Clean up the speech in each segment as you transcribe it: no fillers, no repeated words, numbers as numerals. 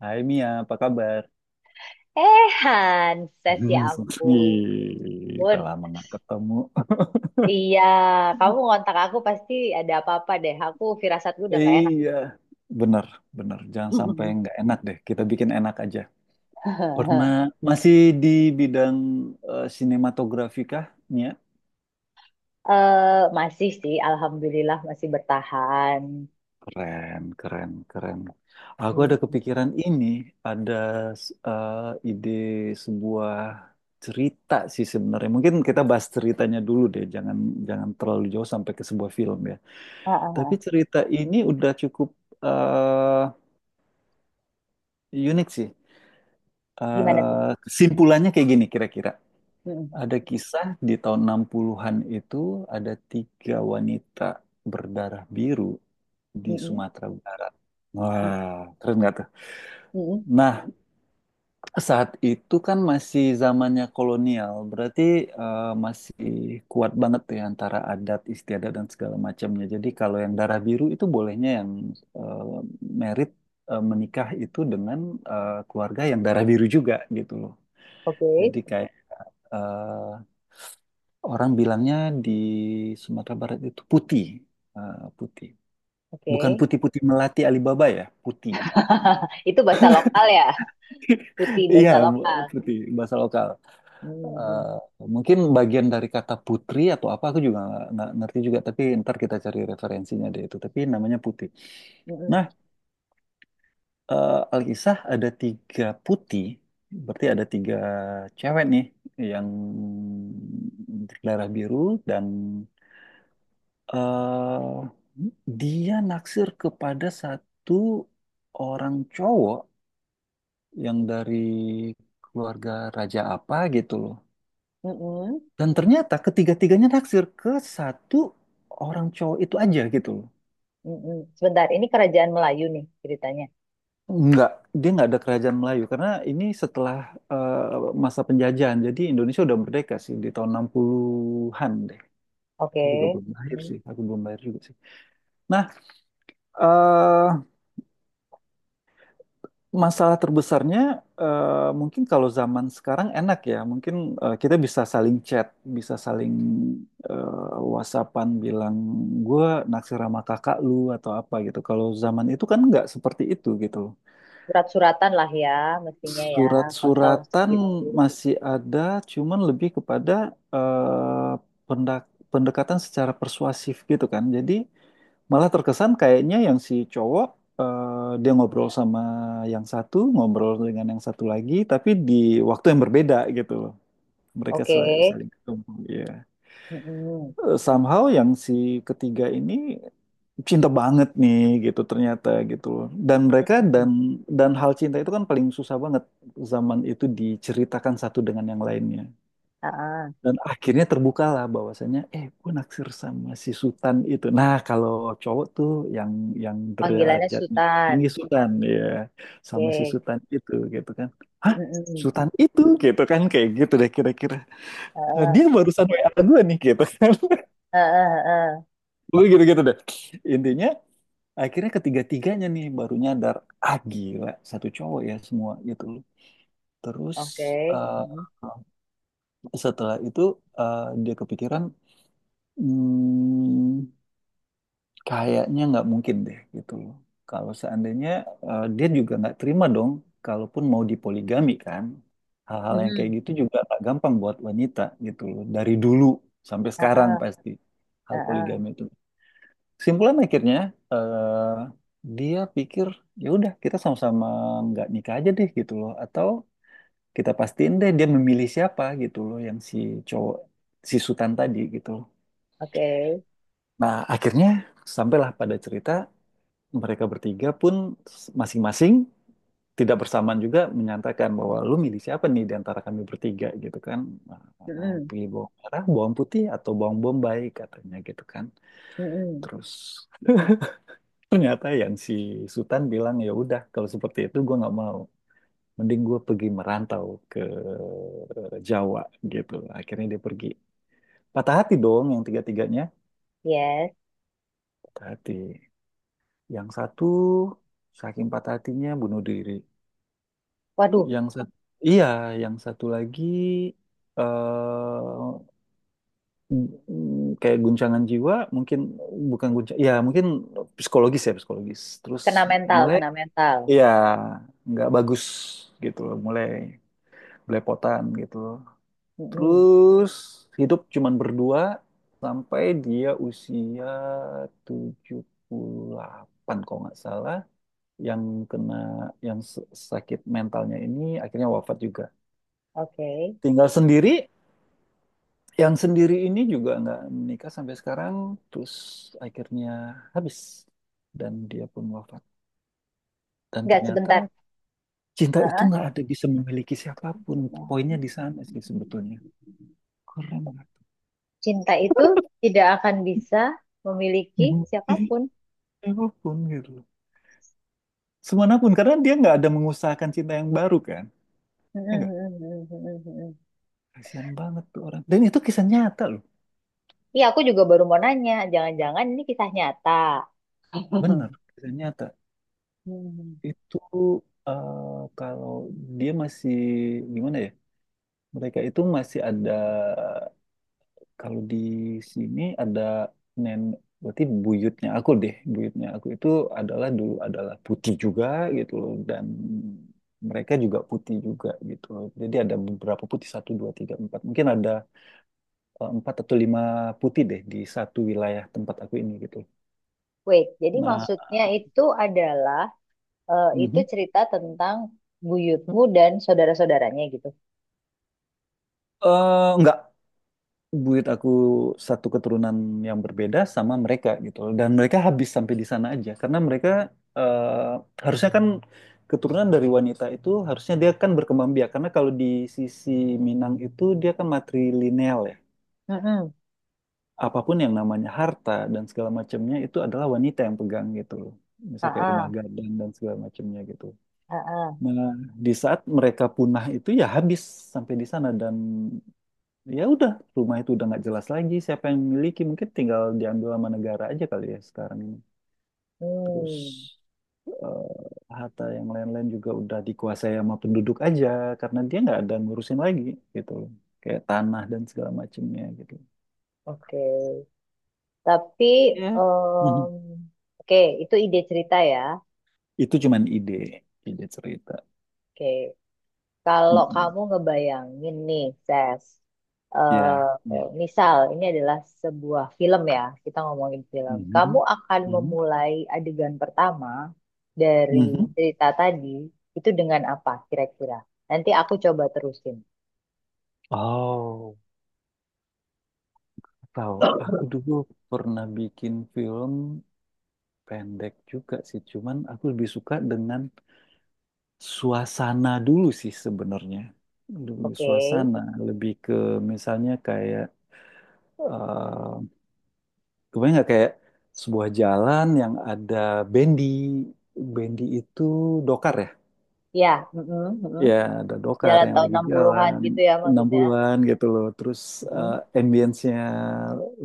Hai Mia, apa kabar? Hanses, ya ampun. Ih, udah lama nggak ketemu. Iya, kamu ngontak aku pasti ada apa-apa deh. Aku firasatku udah nggak enak. Iya, bener, bener. Jangan sampai nggak enak deh. Kita bikin enak aja. Pernah masih di bidang sinematografi kah, Mia? Masih sih, alhamdulillah masih bertahan. Keren, keren, keren. Aku ada Hmm, kepikiran ini, ada s- eh, ide sebuah cerita sih sebenarnya. Mungkin kita bahas ceritanya dulu deh. Jangan, jangan terlalu jauh sampai ke sebuah film ya. ah, ah, Tapi ah. cerita ini udah cukup eh, unik sih. Gimana tuh? Kesimpulannya kayak gini kira-kira. Mm-mm, Ada kisah di tahun 60-an itu ada tiga wanita berdarah biru di mm-mm, Sumatera Barat. mm, Wah, keren nggak tuh? mm-mm. Nah, saat itu kan masih zamannya kolonial, berarti masih kuat banget ya antara adat istiadat dan segala macamnya. Jadi kalau yang darah biru itu bolehnya yang eh, merit menikah itu dengan keluarga yang darah biru juga gitu loh. Oke, Jadi kayak eh, orang bilangnya di Sumatera Barat itu putih, putih. Bukan oke. putih-putih melati Alibaba ya, putih. Itu bahasa lokal ya, putih Iya, bahasa lokal. putih bahasa lokal. eh, Mm-mm, Mungkin bagian dari kata putri atau apa aku juga nggak ngerti juga tapi ntar kita cari referensinya deh itu tapi namanya putih. mm-mm, Nah, alkisah ada tiga putih berarti ada tiga cewek nih yang berdarah biru dan eh dia naksir kepada satu orang cowok yang dari keluarga raja apa gitu loh. mm-mm, Dan ternyata ketiga-tiganya naksir ke satu orang cowok itu aja gitu loh. mm-mm. Sebentar, ini kerajaan Melayu nih ceritanya. Enggak, dia nggak ada kerajaan Melayu karena ini setelah masa penjajahan. Jadi Indonesia udah merdeka sih di tahun 60-an deh. Oke. Aku juga belum lahir Hmm. sih, aku belum lahir juga sih. Nah, eh masalah terbesarnya mungkin kalau zaman sekarang enak ya, mungkin kita bisa saling chat, bisa saling WhatsAppan bilang gue naksir sama kakak lu atau apa gitu. Kalau zaman itu kan nggak seperti itu gitu loh. Surat-suratan lah ya, mestinya ya, kalau tahun Surat-suratan segitu. masih ada, cuman lebih kepada eh, pendekatan secara persuasif gitu kan. Jadi malah terkesan kayaknya yang si cowok dia ngobrol sama yang satu, ngobrol dengan yang satu lagi, tapi di waktu yang berbeda gitu loh. Mereka Oke. Saling ketemu. Iya. Mm-mm. Somehow yang si ketiga ini cinta banget nih gitu ternyata gitu loh. Dan mereka dan hal cinta itu kan paling susah banget zaman itu diceritakan satu dengan yang lainnya. Ah, Dan akhirnya terbukalah bahwasannya, gue naksir sama si Sultan itu. Nah, kalau cowok tuh yang yang Panggilannya derajatnya Sultan. tinggi Sultan ya, sama si Oke. Sultan itu gitu kan. Hah? Mm-mm. Sultan itu gitu kan kayak gitu deh kira-kira. Ah, Dia barusan WA gue nih gitu kan. ah, ah, ah. Gue gitu-gitu deh. Intinya akhirnya ketiga-tiganya nih baru nyadar, ah gila, satu cowok ya semua gitu loh. Terus Oke. eh, Mm-mm. setelah itu dia kepikiran, hmm. Kayaknya nggak mungkin deh gitu loh. Kalau seandainya dia juga nggak terima dong, kalaupun mau dipoligami kan. Hal-hal yang kayak Mm-mm. gitu juga nggak gampang buat wanita gitu loh. Dari dulu sampai Ah, sekarang ah, pasti hal ah, ah. poligami itu. Simpulan akhirnya eh, dia pikir ya udah kita sama-sama nggak nikah aja deh gitu loh. Atau kita pastiin deh dia memilih siapa gitu loh yang si cowok si Sutan tadi gitu loh. Oke. Nah akhirnya sampailah pada cerita mereka bertiga pun masing-masing tidak bersamaan juga menyatakan bahwa lu milih siapa nih di antara kami bertiga gitu kan. Mm-mm. Pilih bawang merah, bawang putih, atau bawang bombay katanya gitu kan. Mm-mm. Terus ternyata yang si Sultan bilang ya udah kalau seperti itu gue nggak mau. Mending gue pergi merantau ke Jawa gitu. Akhirnya dia pergi. Patah hati dong yang tiga-tiganya. Yes. Patah hati. Yang satu saking patah hatinya bunuh diri. Waduh, Yang satu, iya, yang satu lagi eh kayak guncangan jiwa, mungkin bukan guncang, ya mungkin psikologis ya psikologis. Terus kena mental, mulai, kena mental. iya, nggak bagus gitu loh, mulai belepotan gitu loh. Mm-mm. Terus hidup cuman berdua sampai dia usia 78 kalau nggak salah. Yang kena, yang sakit mentalnya ini akhirnya wafat juga, Oke. tinggal sendiri. Yang sendiri ini juga nggak menikah sampai sekarang, terus akhirnya habis dan dia pun wafat. Dan Nggak sebentar. ternyata cinta Ah, itu ah. nggak ada bisa memiliki siapapun. Poinnya di sana sih sebetulnya. Keren nggak? Cinta itu tidak akan bisa memiliki Jadi siapapun. siapapun gitu loh. Semanapun karena dia nggak ada mengusahakan cinta yang baru kan? Ya nggak? Mm-mm. Kasihan banget tuh orang. Dan itu kisah nyata loh. Iya, aku juga baru mau nanya. Jangan-jangan ini kisah nyata. Bener, kisah nyata. Hmm. Itu kalau dia masih gimana ya? Mereka itu masih ada. Kalau di sini ada nen, berarti buyutnya aku deh, buyutnya aku itu adalah dulu adalah putih juga gitu loh, dan mereka juga putih juga gitu loh. Jadi ada beberapa putih satu dua tiga empat, mungkin ada empat atau lima putih deh di satu wilayah tempat aku ini gitu. Wait, jadi Nah, maksudnya itu adalah itu mhm. cerita tentang buyutmu dan saudara-saudaranya gitu. Nggak, buat aku satu keturunan yang berbeda sama mereka gitu loh. Dan mereka habis sampai di sana aja karena mereka eh, harusnya kan keturunan dari wanita itu harusnya dia kan berkembang biak karena kalau di sisi Minang itu dia kan matrilineal ya. Mm-mm. Apapun yang namanya harta dan segala macamnya itu adalah wanita yang pegang gitu loh. Misal kayak rumah Heeh, gadang dan segala macamnya gitu. heeh. Nah, di saat mereka punah itu ya habis sampai di sana. Dan ya udah rumah itu udah nggak jelas lagi siapa yang memiliki, mungkin tinggal diambil sama negara aja kali ya sekarang ini. Terus Hmm, harta yang lain-lain juga udah dikuasai sama penduduk aja karena dia nggak ada ngurusin lagi gitu loh, kayak tanah dan segala macamnya gitu. oke. Tapi, Ya. em, Mhm. oke, itu ide cerita ya. Itu cuman ide ide cerita. Oke. Kalau Mm-mm. kamu ngebayangin nih, Ses, eh Ya, ya. misal ini adalah sebuah film ya, kita ngomongin film. Kamu Mhm. akan Mhm. memulai adegan pertama dari Mhm. cerita tadi itu dengan apa kira-kira? Nanti aku coba terusin. Oh tahu, aku dulu pernah bikin film pendek juga sih, cuman aku lebih suka dengan suasana dulu sih sebenarnya. Lebih Oke. suasana, lebih ke misalnya kayak, eh kebayang nggak kayak sebuah jalan yang ada bendi, bendi itu dokar ya? Ya, mm-mm, mm-mm. Ya, ada dokar Jalan yang tahun lagi 60-an jalan gitu ya maksudnya. 60-an gitu loh. Terus eh Mm-mm, ambience-nya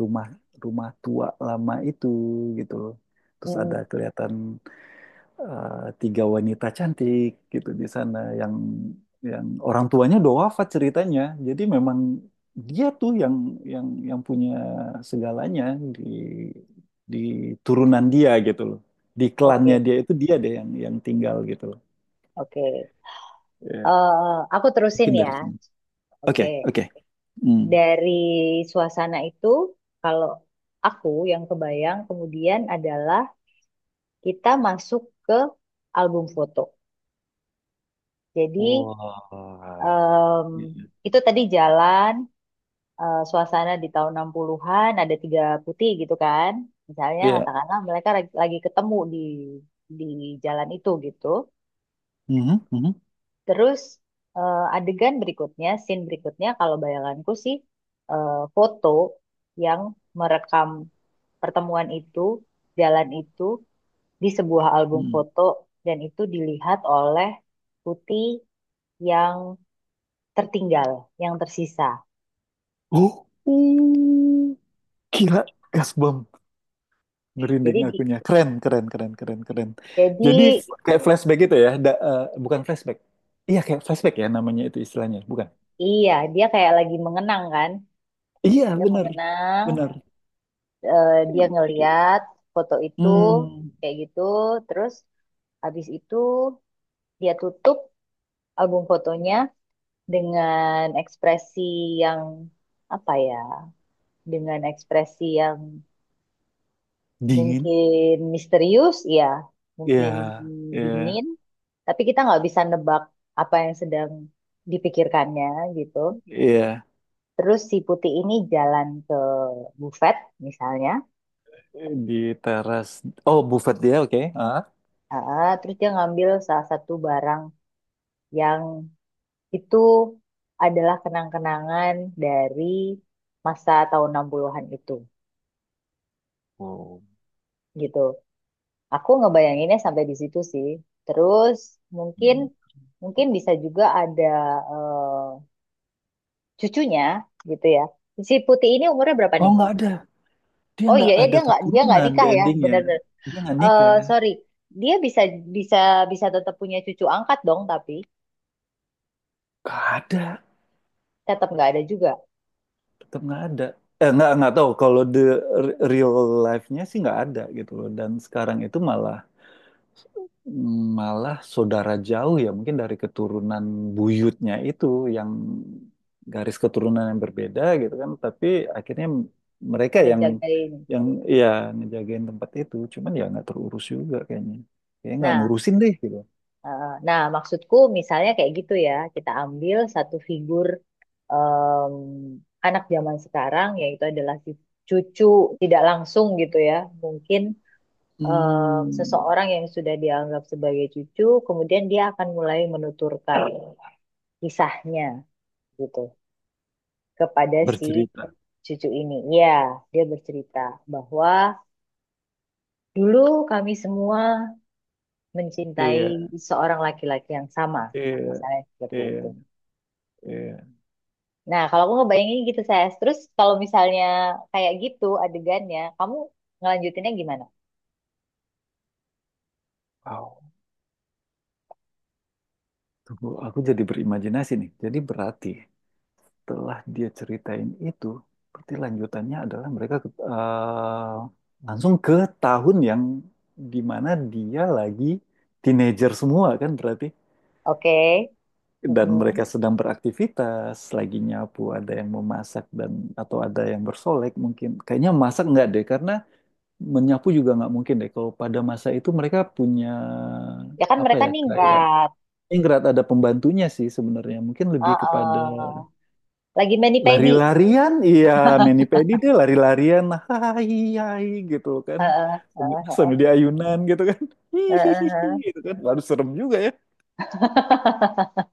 rumah rumah tua lama itu gitu loh. Terus ada mm-mm. kelihatan eh, tiga wanita cantik gitu di sana yang orang tuanya udah wafat ceritanya. Jadi memang dia tuh yang punya segalanya di di turunan dia gitu loh. Di klannya Oke, dia itu dia deh yang tinggal gitu loh. oke. Ya, Aku terusin mungkin ya. dari sini. Oke. Oke, oke. Hmm. Dari suasana itu kalau aku yang kebayang kemudian adalah kita masuk ke album foto. Jadi Wah. em, itu tadi jalan suasana di tahun 60-an ada tiga putih gitu kan. Misalnya Iya. katakanlah mereka lagi ketemu di di jalan itu gitu. Mhm, mhm, Terus adegan berikutnya, scene berikutnya kalau bayanganku sih eh, foto yang merekam pertemuan itu, jalan itu di sebuah album mhm. foto dan itu dilihat oleh Putih yang tertinggal, yang tersisa. Oh, uh, gila gas bom, merinding Jadi di- akunya. Keren, keren, keren, keren, keren. jadi Jadi kayak flashback gitu ya, bukan flashback. Iya kayak flashback ya namanya itu istilahnya, bukan? iya, dia kayak lagi mengenang kan. Iya Dia bener, mengenang, bener. Dia I- i- ngeliat foto itu Hmm, kayak gitu, terus habis itu dia tutup album fotonya dengan ekspresi yang apa ya? Dengan ekspresi yang dingin. mungkin misterius, ya. Iya, Mungkin iya, dingin, tapi kita nggak bisa nebak apa yang sedang dipikirkannya gitu. iya. Terus si putih ini jalan ke bufet misalnya. Di teras. Oh, buffet dia, oke. Ah. Ah, terus dia ngambil salah satu barang yang itu adalah kenang-kenangan dari masa tahun 60-an itu Oh. gitu. Aku ngebayanginnya sampai di situ sih. Terus mungkin Hmm. mungkin bisa juga ada eh, cucunya gitu ya. Si Putih ini umurnya berapa Oh, nih? nggak ada. Dia Oh iya nggak ya ada dia nggak keturunan di nikah ya, endingnya. bener-bener. Dia nggak Eh nikah. sorry, dia bisa bisa bisa tetap punya cucu angkat dong, tapi Nggak ada. tetap nggak ada juga Tetap nggak ada, nggak tahu kalau the real life-nya sih nggak ada gitu loh, dan sekarang itu malah malah saudara jauh ya mungkin dari keturunan buyutnya itu, yang garis keturunan yang berbeda gitu kan tapi akhirnya mereka yang ngejagain. yang ya ngejagain tempat itu cuman ya nggak terurus juga kayaknya, kayaknya nggak Nah, ngurusin deh gitu. nah maksudku misalnya kayak gitu ya, kita ambil satu figur em, anak zaman sekarang yaitu adalah si cucu tidak langsung gitu ya, mungkin em, Hmm, seseorang yang sudah dianggap sebagai cucu, kemudian dia akan mulai menuturkan kisahnya gitu kepada si bercerita. cucu ini. Ya, dia bercerita bahwa dulu kami semua mencintai Iya, seorang laki-laki yang sama, iya, misalnya seperti iya, itu. iya. Nah, kalau aku ngebayangin gitu saya, terus kalau misalnya kayak gitu adegannya, kamu ngelanjutinnya gimana? Wow. Tunggu, aku jadi berimajinasi nih. Jadi berarti setelah dia ceritain itu, berarti lanjutannya adalah mereka langsung ke tahun yang dimana dia lagi teenager semua kan berarti. Oke, Dan mm-mm. mereka sedang beraktivitas, lagi nyapu, ada yang memasak, atau ada yang bersolek mungkin. Kayaknya masak nggak deh karena menyapu juga nggak mungkin deh. Kalau pada masa itu mereka punya Ya kan apa mereka ya, kayak ningrat. ningrat ada pembantunya sih sebenarnya. Mungkin lebih kepada Heeh. Lagi mani pedi. lari-larian. Iya, Manny Pedi dia lari-larian. Hai, hai gitu kan. Heeh, Sambil, heeh, sambil dia ayunan gitu kan. heeh, Hihihi heeh. gitu kan. Baru serem juga ya.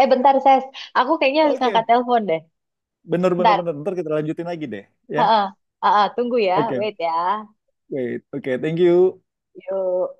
Eh bentar, Ses. Aku kayaknya harus ngangkat Oke, telepon deh. bener bener Bentar. bener. Ntar kita lanjutin lagi deh. Ya. Ha-ha. Ha-ha. Tunggu ya. Oke, Wait ya. wait. Oke, thank you. Yuk.